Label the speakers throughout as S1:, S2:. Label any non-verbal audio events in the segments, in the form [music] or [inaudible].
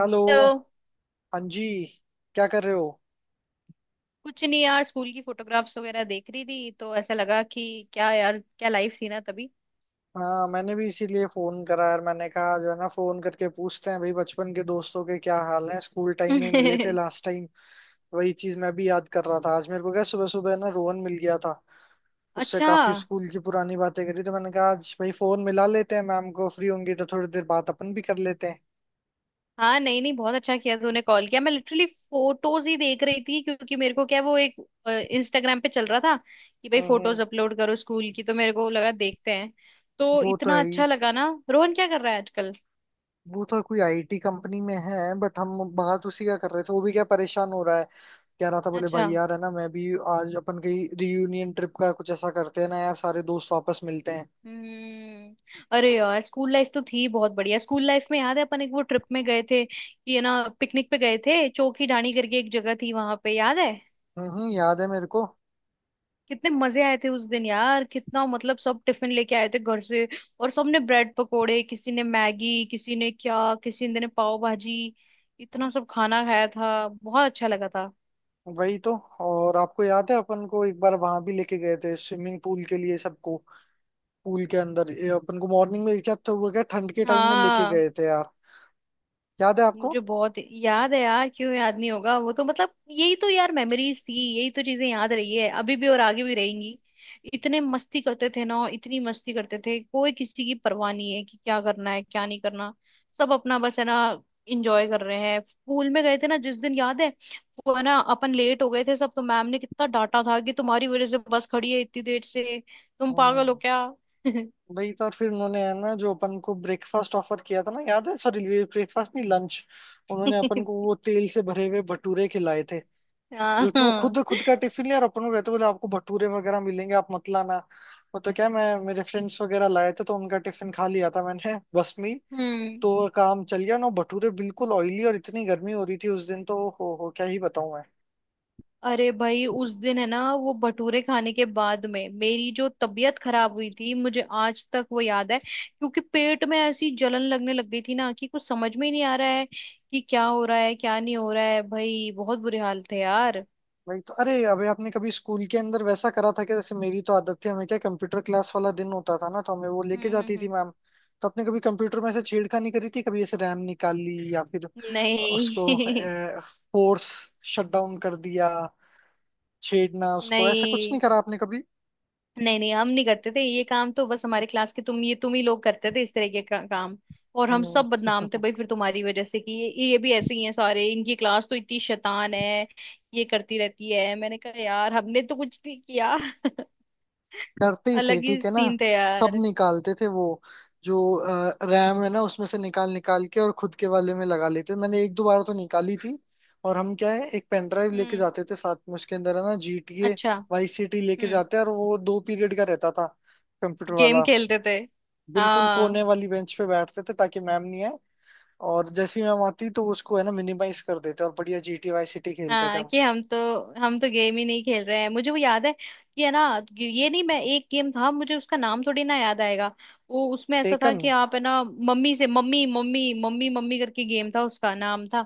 S1: Hello.
S2: तो
S1: हाँ जी। क्या कर रहे हो?
S2: कुछ नहीं यार स्कूल की फोटोग्राफ्स वगैरह देख रही थी तो ऐसा लगा कि क्या यार क्या लाइफ थी ना तभी।
S1: हाँ, मैंने भी इसीलिए फोन करा यार। मैंने कहा जो है ना, फोन करके पूछते हैं भाई बचपन के दोस्तों के क्या हाल हैं। स्कूल टाइम में मिले थे
S2: [laughs]
S1: लास्ट टाइम। वही चीज मैं भी याद कर रहा था आज। मेरे को क्या, सुबह सुबह ना रोहन मिल गया था। उससे
S2: अच्छा।
S1: काफी स्कूल की पुरानी बातें करी तो मैंने कहा आज भाई फोन मिला लेते हैं। मैम को फ्री होंगी तो थोड़ी देर बात अपन भी कर लेते हैं।
S2: हाँ, नहीं नहीं, बहुत अच्छा किया तूने कॉल किया। मैं लिटरली फोटोज ही देख रही थी क्योंकि मेरे को क्या, वो एक इंस्टाग्राम पे चल रहा था कि भाई
S1: हम्म।
S2: फोटोज अपलोड करो स्कूल की, तो मेरे को लगा देखते हैं। तो
S1: वो तो
S2: इतना
S1: है ही।
S2: अच्छा लगा ना। रोहन क्या कर रहा है आजकल?
S1: वो तो कोई IT कंपनी में है बट हम बात उसी का कर रहे थे। वो भी क्या परेशान हो रहा है। कह रहा था, बोले
S2: अच्छा।
S1: भाई यार है ना, मैं भी। आज अपन कहीं रियूनियन ट्रिप का कुछ ऐसा करते हैं ना यार, सारे दोस्त वापस मिलते हैं।
S2: हम्म। अरे यार स्कूल लाइफ तो थी बहुत बढ़िया। स्कूल लाइफ में याद है अपन एक वो ट्रिप में गए थे कि है ना, पिकनिक पे गए थे, चोखी ढाणी करके एक जगह थी वहां पे, याद है?
S1: याद है मेरे को।
S2: कितने मजे आए थे उस दिन यार। कितना, मतलब सब टिफिन लेके आए थे घर से, और सबने ब्रेड पकोड़े, किसी ने मैगी, किसी ने क्या, किसी ने पाव भाजी, इतना सब खाना खाया था। बहुत अच्छा लगा था।
S1: वही तो। और आपको याद है अपन को एक बार वहां भी लेके गए थे स्विमिंग पूल के लिए सबको, पूल के अंदर। ये अपन को मॉर्निंग में क्या, तो वो क्या ठंड के टाइम में लेके
S2: हाँ,
S1: गए थे यार। याद है आपको?
S2: मुझे बहुत याद है यार। क्यों याद नहीं होगा? वो तो मतलब यही तो यार मेमोरीज थी, यही तो चीजें याद रही है अभी भी और आगे भी रहेंगी। इतने मस्ती करते थे ना, इतनी मस्ती करते थे। कोई किसी की परवाह नहीं है कि क्या करना है क्या नहीं करना। सब अपना बस है ना, इंजॉय कर रहे हैं। स्कूल में गए थे ना जिस दिन, याद है वो, है ना अपन लेट हो गए थे सब, तो मैम ने कितना डांटा था कि तुम्हारी वजह से बस खड़ी है इतनी देर से, तुम पागल हो
S1: हम्म।
S2: क्या।
S1: वही तो। और फिर उन्होंने है ना जो अपन को ब्रेकफास्ट ऑफर किया था ना, याद है? सॉरी, ब्रेकफास्ट नहीं लंच। उन्होंने अपन को वो
S2: [laughs]
S1: तेल से भरे हुए भटूरे खिलाए थे,
S2: हाँ
S1: जो कि वो
S2: हाँ।
S1: खुद खुद का टिफिन लिया और अपन को कहते बोले आपको भटूरे वगैरह मिलेंगे आप मत लाना। वो तो क्या, मैं मेरे फ्रेंड्स वगैरह लाए थे तो उनका टिफिन खा लिया था मैंने [laughs] बस में ही।
S2: हम्म।
S1: तो काम चल गया ना। भटूरे बिल्कुल ऑयली और इतनी गर्मी हो रही थी उस दिन, तो हो क्या ही बताऊं मैं।
S2: अरे भाई उस दिन है ना, वो भटूरे खाने के बाद में मेरी जो तबीयत खराब हुई थी मुझे आज तक वो याद है, क्योंकि पेट में ऐसी जलन लगने लग गई थी ना कि कुछ समझ में ही नहीं आ रहा है कि क्या हो रहा है क्या नहीं हो रहा है। भाई बहुत बुरे हाल थे यार।
S1: वही तो। अरे अभी आपने कभी स्कूल के अंदर वैसा करा था? कि जैसे मेरी तो आदत थी, हमें क्या कंप्यूटर क्लास वाला दिन होता था ना तो हमें वो लेके जाती थी
S2: हम्म।
S1: मैम। तो आपने कभी कंप्यूटर में ऐसे छेड़खानी करी थी? कभी ऐसे रैम निकाल ली, या फिर उसको
S2: नहीं।
S1: फोर्स शट डाउन कर दिया, छेड़ना
S2: [laughs]
S1: उसको, ऐसा कुछ
S2: नहीं,
S1: नहीं करा आपने कभी?
S2: नहीं, नहीं, हम नहीं करते थे ये काम। तो बस हमारे क्लास के, तुम ही लोग करते थे इस तरह के काम। और हम
S1: हम्म।
S2: सब बदनाम थे भाई फिर तुम्हारी वजह से, कि ये भी ऐसे ही हैं सारे, इनकी क्लास तो इतनी शैतान है, ये करती रहती है। मैंने कहा यार हमने तो कुछ नहीं किया। [laughs]
S1: डरते ही थे
S2: अलग ही
S1: ठीक है ना।
S2: सीन थे
S1: सब
S2: यार।
S1: निकालते थे वो जो रैम है ना, उसमें से निकाल निकाल के और खुद के वाले में लगा लेते थे। मैंने एक दो बार तो निकाली थी। और हम क्या है, एक पेन ड्राइव लेके
S2: हम्म।
S1: जाते थे साथ में, उसके अंदर है ना GTA
S2: अच्छा।
S1: YCT लेके
S2: हम्म।
S1: जाते हैं, और वो दो पीरियड का रहता था कंप्यूटर
S2: गेम
S1: वाला।
S2: खेलते थे।
S1: बिल्कुल
S2: हाँ
S1: कोने वाली बेंच पे बैठते थे ताकि मैम नहीं आए, और जैसी मैम आती तो उसको है ना मिनिमाइज कर देते और बढ़िया GTA YCT खेलते थे
S2: हाँ।
S1: हम।
S2: कि हम तो गेम ही नहीं खेल रहे हैं, मुझे वो याद है कि है ना, ये नहीं, मैं, एक गेम था मुझे उसका नाम थोड़ी ना याद आएगा। वो उसमें ऐसा था
S1: टेकन।
S2: कि आप है ना, मम्मी से मम्मी मम्मी मम्मी मम्मी करके, गेम था उसका नाम था।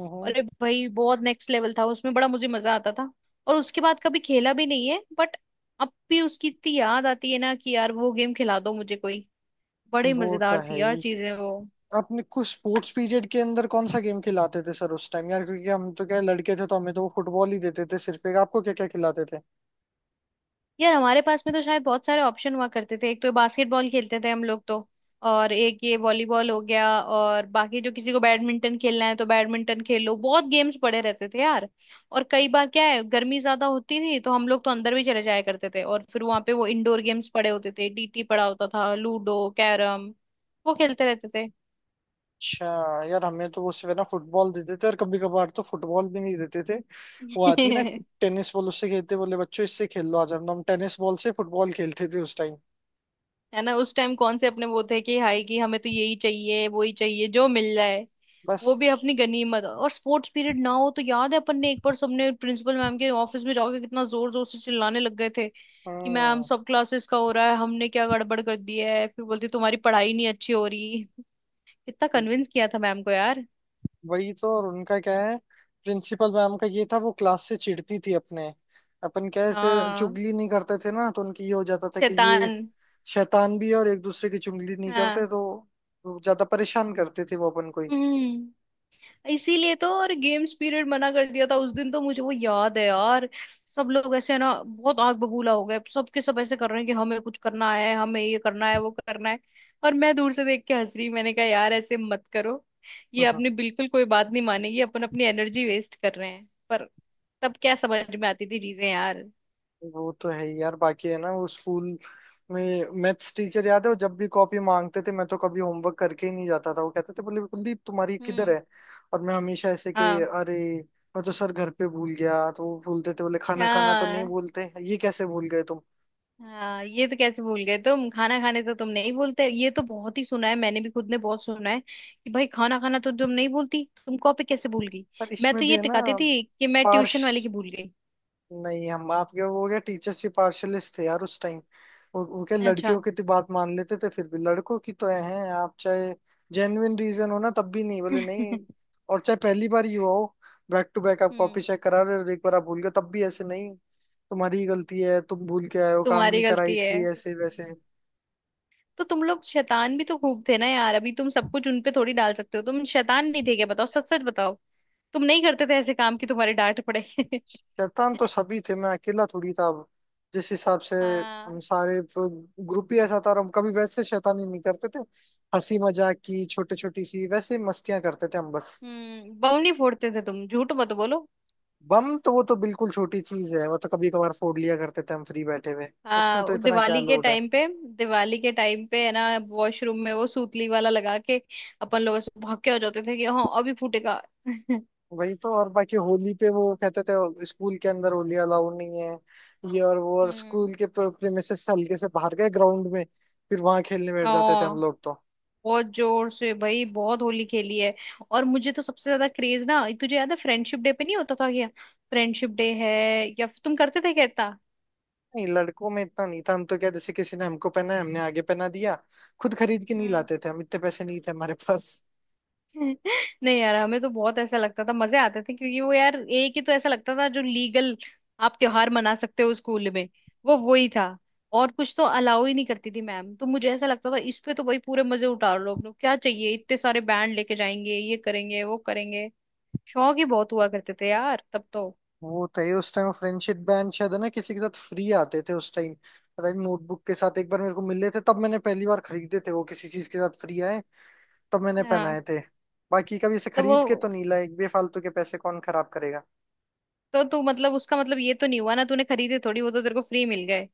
S1: हम्म।
S2: अरे भाई बहुत नेक्स्ट लेवल था उसमें, बड़ा मुझे मजा आता था। और उसके बाद कभी खेला भी नहीं है, बट अब भी उसकी इतनी याद आती है ना, कि यार वो गेम खिला दो मुझे कोई। बड़े
S1: वो तो
S2: मजेदार
S1: है
S2: थी
S1: ही।
S2: यार चीजें वो।
S1: आपने कुछ स्पोर्ट्स पीरियड के अंदर कौन सा गेम खिलाते थे सर उस टाइम यार? क्योंकि हम तो क्या लड़के थे तो हमें तो वो फुटबॉल ही देते थे सिर्फ एक। आपको क्या क्या खिलाते थे?
S2: यार हमारे पास में तो शायद बहुत सारे ऑप्शन हुआ करते थे, एक तो बास्केटबॉल खेलते थे हम लोग तो, और एक ये वॉलीबॉल हो गया, और बाकी जो किसी को बैडमिंटन खेलना है तो बैडमिंटन खेलो, बहुत गेम्स पड़े रहते थे यार। और कई बार क्या है, गर्मी ज्यादा होती थी तो हम लोग तो अंदर भी चले जाया करते थे, और फिर वहां पे वो इंडोर गेम्स पड़े होते थे, डीटी पड़ा होता था, लूडो, कैरम, वो खेलते रहते
S1: अच्छा। यार हमें तो वो सिर्फ है ना फुटबॉल देते थे, और कभी कभार तो फुटबॉल भी नहीं देते थे।
S2: थे।
S1: वो आती है ना
S2: [laughs]
S1: टेनिस बॉल, उससे खेलते, बोले बच्चों इससे खेल लो आज। हम टेनिस बॉल से फुटबॉल खेलते थे उस टाइम
S2: है ना, उस टाइम कौन से अपने वो थे कि हाय, कि हमें तो यही चाहिए वो ही चाहिए जो मिल जाए वो
S1: बस।
S2: भी अपनी गनीमत। और स्पोर्ट्स पीरियड ना हो तो याद है अपन ने एक बार सबने प्रिंसिपल मैम के ऑफिस में जाके कितना जोर जोर से चिल्लाने लग गए थे कि मैम,
S1: हम्म।
S2: सब क्लासेस का हो रहा है, हमने क्या गड़बड़ कर दी है? फिर बोलती तुम्हारी पढ़ाई नहीं अच्छी हो रही। कितना कन्विंस किया था मैम को यार।
S1: वही तो। और उनका क्या है, प्रिंसिपल मैम का ये था, वो क्लास से चिढ़ती थी अपने। अपन कैसे
S2: हाँ।
S1: चुगली नहीं करते थे ना, तो उनकी ये हो जाता था कि ये
S2: शैतान।
S1: शैतान भी है और एक दूसरे की चुगली नहीं करते,
S2: हाँ।
S1: तो वो ज्यादा परेशान करते थे वो अपन को
S2: हम्म। इसीलिए तो और गेम्स पीरियड मना कर दिया था उस दिन, तो मुझे वो याद है यार। सब लोग ऐसे ना बहुत आग बबूला हो गए, सबके सब ऐसे कर रहे हैं कि हमें कुछ करना है, हमें ये करना है वो करना है। और मैं दूर से देख के हंस रही। मैंने कहा यार ऐसे मत करो, ये
S1: ही।
S2: अपनी बिल्कुल कोई बात नहीं मानेगी, अपन अपनी एनर्जी वेस्ट कर रहे हैं, पर तब क्या समझ में आती थी चीजें यार।
S1: वो तो है ही यार। बाकी है ना वो स्कूल में मैथ्स टीचर याद है, वो जब भी कॉपी मांगते थे, मैं तो कभी होमवर्क करके ही नहीं जाता था। वो कहते थे बोले कुलदीप तुम्हारी किधर
S2: हम्म।
S1: है? और मैं हमेशा ऐसे कि
S2: हाँ
S1: अरे मैं तो सर घर पे भूल गया। तो वो बोलते थे बोले खाना खाना तो नहीं
S2: हाँ
S1: बोलते ये, कैसे भूल गए तुम?
S2: हाँ, ये तो कैसे भूल गए तुम, खाना खाने तो तुम नहीं बोलते, ये तो बहुत ही सुना है, मैंने भी खुद ने बहुत सुना है, कि भाई खाना खाना तो तुम नहीं बोलती, तुम कॉपी कैसे भूल गई।
S1: पर
S2: मैं
S1: इसमें
S2: तो
S1: भी
S2: ये
S1: है ना
S2: टिकाती थी कि मैं
S1: पार्श
S2: ट्यूशन वाले की भूल गई।
S1: नहीं, हम आपके वो क्या टीचर्स ही पार्शलिस्ट थे यार उस टाइम। वो क्या,
S2: अच्छा।
S1: लड़कियों की तो बात मान लेते थे फिर भी, लड़कों की तो हैं आप चाहे जेन्युइन रीजन हो ना, तब भी नहीं बोले
S2: [laughs]
S1: नहीं।
S2: हम्म।
S1: और चाहे पहली बार ही हुआ हो, बैक टू बैक आप कॉपी चेक करा रहे हो और एक बार आप भूल गए, तब भी ऐसे नहीं, तुम्हारी ही गलती है, तुम भूल के आए हो, काम
S2: तुम्हारी
S1: नहीं करा
S2: गलती है।
S1: इसलिए ऐसे वैसे।
S2: हम्म। तो तुम लोग शैतान भी तो खूब थे ना यार, अभी तुम सब कुछ उनपे थोड़ी डाल सकते हो। तुम शैतान नहीं थे क्या? बताओ सच सच बताओ। तुम नहीं करते थे ऐसे काम कि तुम्हारे डांट पड़े? [laughs]
S1: शैतान तो सभी थे, मैं अकेला थोड़ी था अब जिस हिसाब से।
S2: हाँ।
S1: हम सारे ग्रुप ही ऐसा था, और हम कभी वैसे शैतानी नहीं करते थे। हंसी मजाक की छोटी छोटी सी वैसे मस्तियां करते थे हम बस।
S2: हम्म। बम नहीं फोड़ते थे तुम, झूठ मत बोलो।
S1: बम तो वो तो बिल्कुल छोटी चीज है, वो तो कभी कभार फोड़ लिया करते थे हम फ्री बैठे हुए। उसमें तो
S2: हाँ
S1: इतना क्या
S2: दिवाली के
S1: लोड है।
S2: टाइम पे, दिवाली के टाइम पे है ना, वॉशरूम में वो सूतली वाला लगा के अपन लोग ऐसे भौंके हो जाते थे कि हाँ अभी फूटेगा। [laughs]
S1: वही तो। और बाकी होली पे वो कहते थे स्कूल के अंदर होली अलाउड नहीं है ये और वो, और
S2: हम्म।
S1: स्कूल के प्रेमिसेस से हल्के से बाहर गए ग्राउंड में, फिर वहां खेलने बैठ जाते थे हम
S2: हाँ
S1: लोग तो।
S2: बहुत जोर से भाई, बहुत होली खेली है। और मुझे तो सबसे ज्यादा क्रेज ना, तुझे याद है फ्रेंडशिप डे पे नहीं होता था क्या? फ्रेंडशिप डे, है? या फिर तुम करते थे क्या इतना?
S1: नहीं, लड़कों में इतना नहीं था। हम तो क्या, जैसे किसी ने हमको पहना है, हमने आगे पहना दिया। खुद खरीद के नहीं लाते थे हम, इतने पैसे नहीं थे हमारे पास।
S2: नहीं यार, हमें तो बहुत ऐसा लगता था, मजे आते थे, क्योंकि वो यार एक ही तो ऐसा लगता था जो लीगल आप त्योहार मना सकते हो स्कूल में, वो ही था। और कुछ तो अलाउ ही नहीं करती थी मैम, तो मुझे ऐसा लगता था इस पे तो भाई पूरे मजे उतार लो। अपने क्या चाहिए, इतने सारे बैंड लेके जाएंगे, ये करेंगे वो करेंगे। शौक ही बहुत हुआ करते थे यार तब तो।
S1: वो तो ये उस टाइम फ्रेंडशिप बैंड शायद है ना किसी के साथ फ्री आते थे उस टाइम, पता नहीं नोटबुक के साथ एक बार मेरे को मिले थे, तब मैंने पहली बार खरीदे थे वो, किसी चीज के साथ फ्री आए, तब मैंने
S2: हाँ।
S1: पहनाए थे। बाकी कभी इसे
S2: तो
S1: खरीद के तो
S2: वो,
S1: नहीं लाए, एक बेफालतू के पैसे कौन खराब करेगा।
S2: तो तू मतलब, उसका मतलब ये तो नहीं हुआ ना, तूने खरीदे थोड़ी, वो तो तेरे को फ्री मिल गए।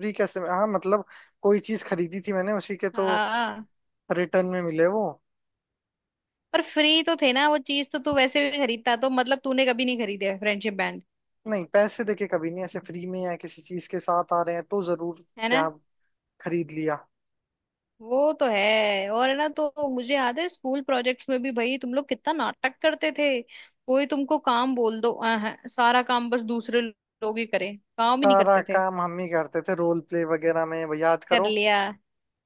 S1: फ्री कैसे में, हाँ मतलब कोई चीज खरीदी थी मैंने उसी के तो
S2: हाँ
S1: रिटर्न में मिले वो।
S2: पर फ्री तो थे ना, वो चीज तो तू वैसे भी खरीदता, तो मतलब तूने कभी नहीं खरीदे फ्रेंडशिप,
S1: नहीं, पैसे देके कभी नहीं, ऐसे फ्री में या किसी चीज के साथ आ रहे हैं तो जरूर
S2: है
S1: क्या
S2: ना।
S1: खरीद लिया।
S2: वो तो है। और है ना, तो मुझे याद है स्कूल प्रोजेक्ट्स में भी भाई तुम लोग कितना नाटक करते थे। कोई तुमको काम बोल दो सारा काम बस दूसरे लोग ही करें, काम ही नहीं
S1: सारा
S2: करते थे।
S1: काम हम ही करते थे रोल प्ले वगैरह में, वो याद
S2: कर
S1: करो।
S2: लिया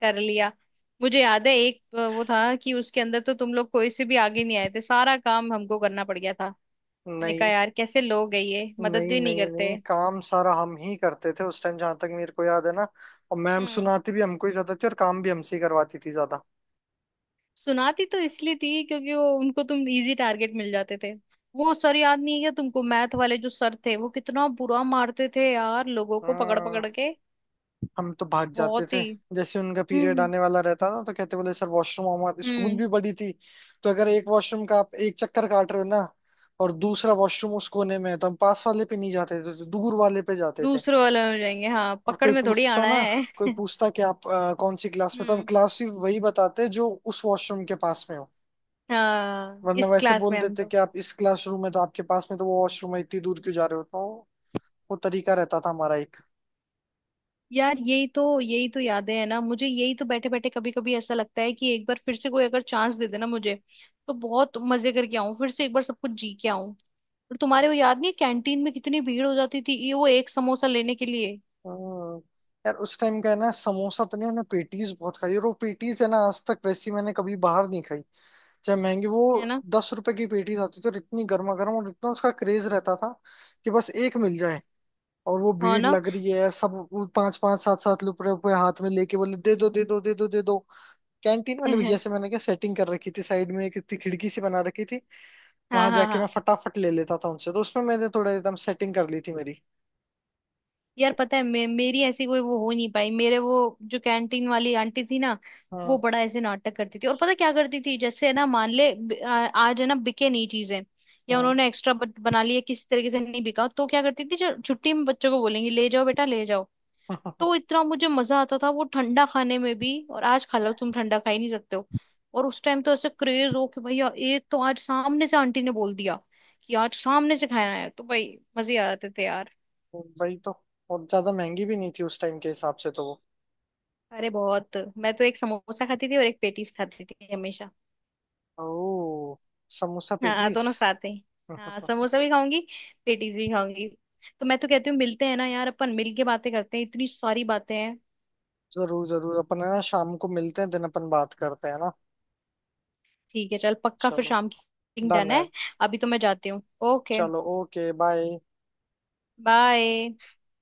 S2: कर लिया। मुझे याद है एक वो था कि उसके अंदर तो तुम लोग कोई से भी आगे नहीं आए थे, सारा काम हमको करना पड़ गया था। मैंने कहा
S1: नहीं
S2: यार कैसे लोग है ये, मदद
S1: नहीं
S2: भी नहीं
S1: नहीं,
S2: करते।
S1: नहीं काम सारा हम ही करते थे उस टाइम जहां तक मेरे को याद है ना। और मैम
S2: हम्म।
S1: सुनाती भी हमको ही ज्यादा थी और काम भी हमसे ही करवाती थी ज्यादा।
S2: सुनाती तो इसलिए थी क्योंकि वो उनको तुम इजी टारगेट मिल जाते थे। वो सर याद नहीं है क्या तुमको, मैथ वाले जो सर थे, वो कितना बुरा मारते थे यार लोगों को पकड़
S1: हम्म।
S2: पकड़ के।
S1: हम तो भाग जाते
S2: बहुत
S1: थे।
S2: ही।
S1: जैसे उनका पीरियड
S2: हम्म
S1: आने वाला रहता ना तो कहते बोले सर वॉशरूम। हमारे स्कूल
S2: हम्म।
S1: भी बड़ी थी, तो अगर एक वॉशरूम का आप एक चक्कर काट रहे हो ना, और दूसरा वॉशरूम उस कोने में है, तो हम पास वाले पे नहीं जाते थे, तो दूर वाले पे जाते थे।
S2: दूसरे वाले हो जाएंगे, हाँ,
S1: और
S2: पकड़
S1: कोई
S2: में थोड़ी
S1: पूछता
S2: आना
S1: ना,
S2: है।
S1: कोई
S2: [laughs]
S1: पूछता कि आप कौन सी क्लास में, तो हम
S2: हम्म।
S1: क्लास भी वही बताते जो उस वॉशरूम के पास में हो,
S2: हाँ
S1: वरना
S2: इस
S1: वैसे
S2: क्लास
S1: बोल
S2: में हम
S1: देते
S2: तो।
S1: कि आप इस क्लासरूम में तो आपके पास में तो वो वॉशरूम है, इतनी दूर क्यों जा रहे हो? तो वो तरीका रहता था हमारा एक।
S2: यार यही तो, यही तो यादें हैं ना मुझे, यही तो। बैठे बैठे कभी कभी ऐसा लगता है कि एक बार फिर से कोई अगर चांस दे देना मुझे, तो बहुत मजे करके आऊं, फिर से एक बार सब कुछ जी के। और तुम्हारे वो याद नहीं है, कैंटीन में कितनी भीड़ हो जाती थी ये वो एक समोसा लेने के लिए?
S1: हम्म, यार उस टाइम का है ना समोसा तो नहीं, मैंने पेटीज बहुत खाई, और वो पेटीज है ना आज तक वैसी मैंने कभी बाहर नहीं खाई, चाहे महंगी वो।
S2: है ना।
S1: 10 रुपए की पेटीज आती थी, और इतनी गर्मा गर्म, और इतना उसका क्रेज रहता था कि बस एक मिल जाए। और वो
S2: हाँ
S1: भीड़
S2: ना।
S1: लग रही है, सब वो पांच पांच सात सात रुपए रुपए हाथ में लेके बोले दे दो दे दो दे दो दे दो। कैंटीन वाले भैया से
S2: [laughs]
S1: मैंने क्या सेटिंग कर रखी थी, साइड में एक इतनी खिड़की सी बना रखी थी,
S2: हाँ
S1: वहां
S2: हाँ
S1: जाके मैं
S2: हाँ।
S1: फटाफट ले लेता था उनसे। तो उसमें मैंने थोड़ा एकदम सेटिंग कर ली थी मेरी।
S2: यार पता है, मेरी ऐसी कोई वो हो नहीं पाई। मेरे वो जो कैंटीन वाली आंटी थी ना, वो
S1: हाँ
S2: बड़ा ऐसे नाटक करती थी, और पता क्या करती थी, जैसे है ना, मान ले आज है ना बिके नहीं चीजें, या
S1: हाँ
S2: उन्होंने एक्स्ट्रा बना लिया किसी तरीके से, नहीं बिका तो क्या करती थी, जो छुट्टी में बच्चों को बोलेंगी ले जाओ बेटा, ले जाओ। तो
S1: [laughs]
S2: इतना मुझे मजा आता था वो ठंडा खाने में भी। और आज खा लो तुम, ठंडा खा ही नहीं सकते हो। और उस टाइम तो ऐसे क्रेज हो कि भैया एक तो, आज सामने से आंटी ने बोल दिया कि आज सामने से खाना है, तो भाई मजे आ जाते थे यार।
S1: वही तो। और ज्यादा महंगी भी नहीं थी उस टाइम के हिसाब से तो।
S2: अरे बहुत, मैं तो एक समोसा खाती थी और एक पेटीज खाती थी हमेशा।
S1: वो ओह, समोसा
S2: हाँ
S1: पेटीज
S2: दोनों साथ ही।
S1: [laughs]
S2: हाँ, समोसा भी खाऊंगी पेटीज भी खाऊंगी। तो मैं तो कहती हूँ मिलते हैं ना यार, अपन मिल के बातें करते हैं, इतनी सारी बातें हैं।
S1: जरूर जरूर। अपन है ना शाम को मिलते हैं, दिन अपन बात करते हैं ना।
S2: ठीक है चल, पक्का फिर,
S1: चलो
S2: शाम की
S1: डन
S2: डन
S1: है।
S2: है। अभी तो मैं जाती हूँ। ओके।
S1: चलो ओके, बाय।
S2: बाय।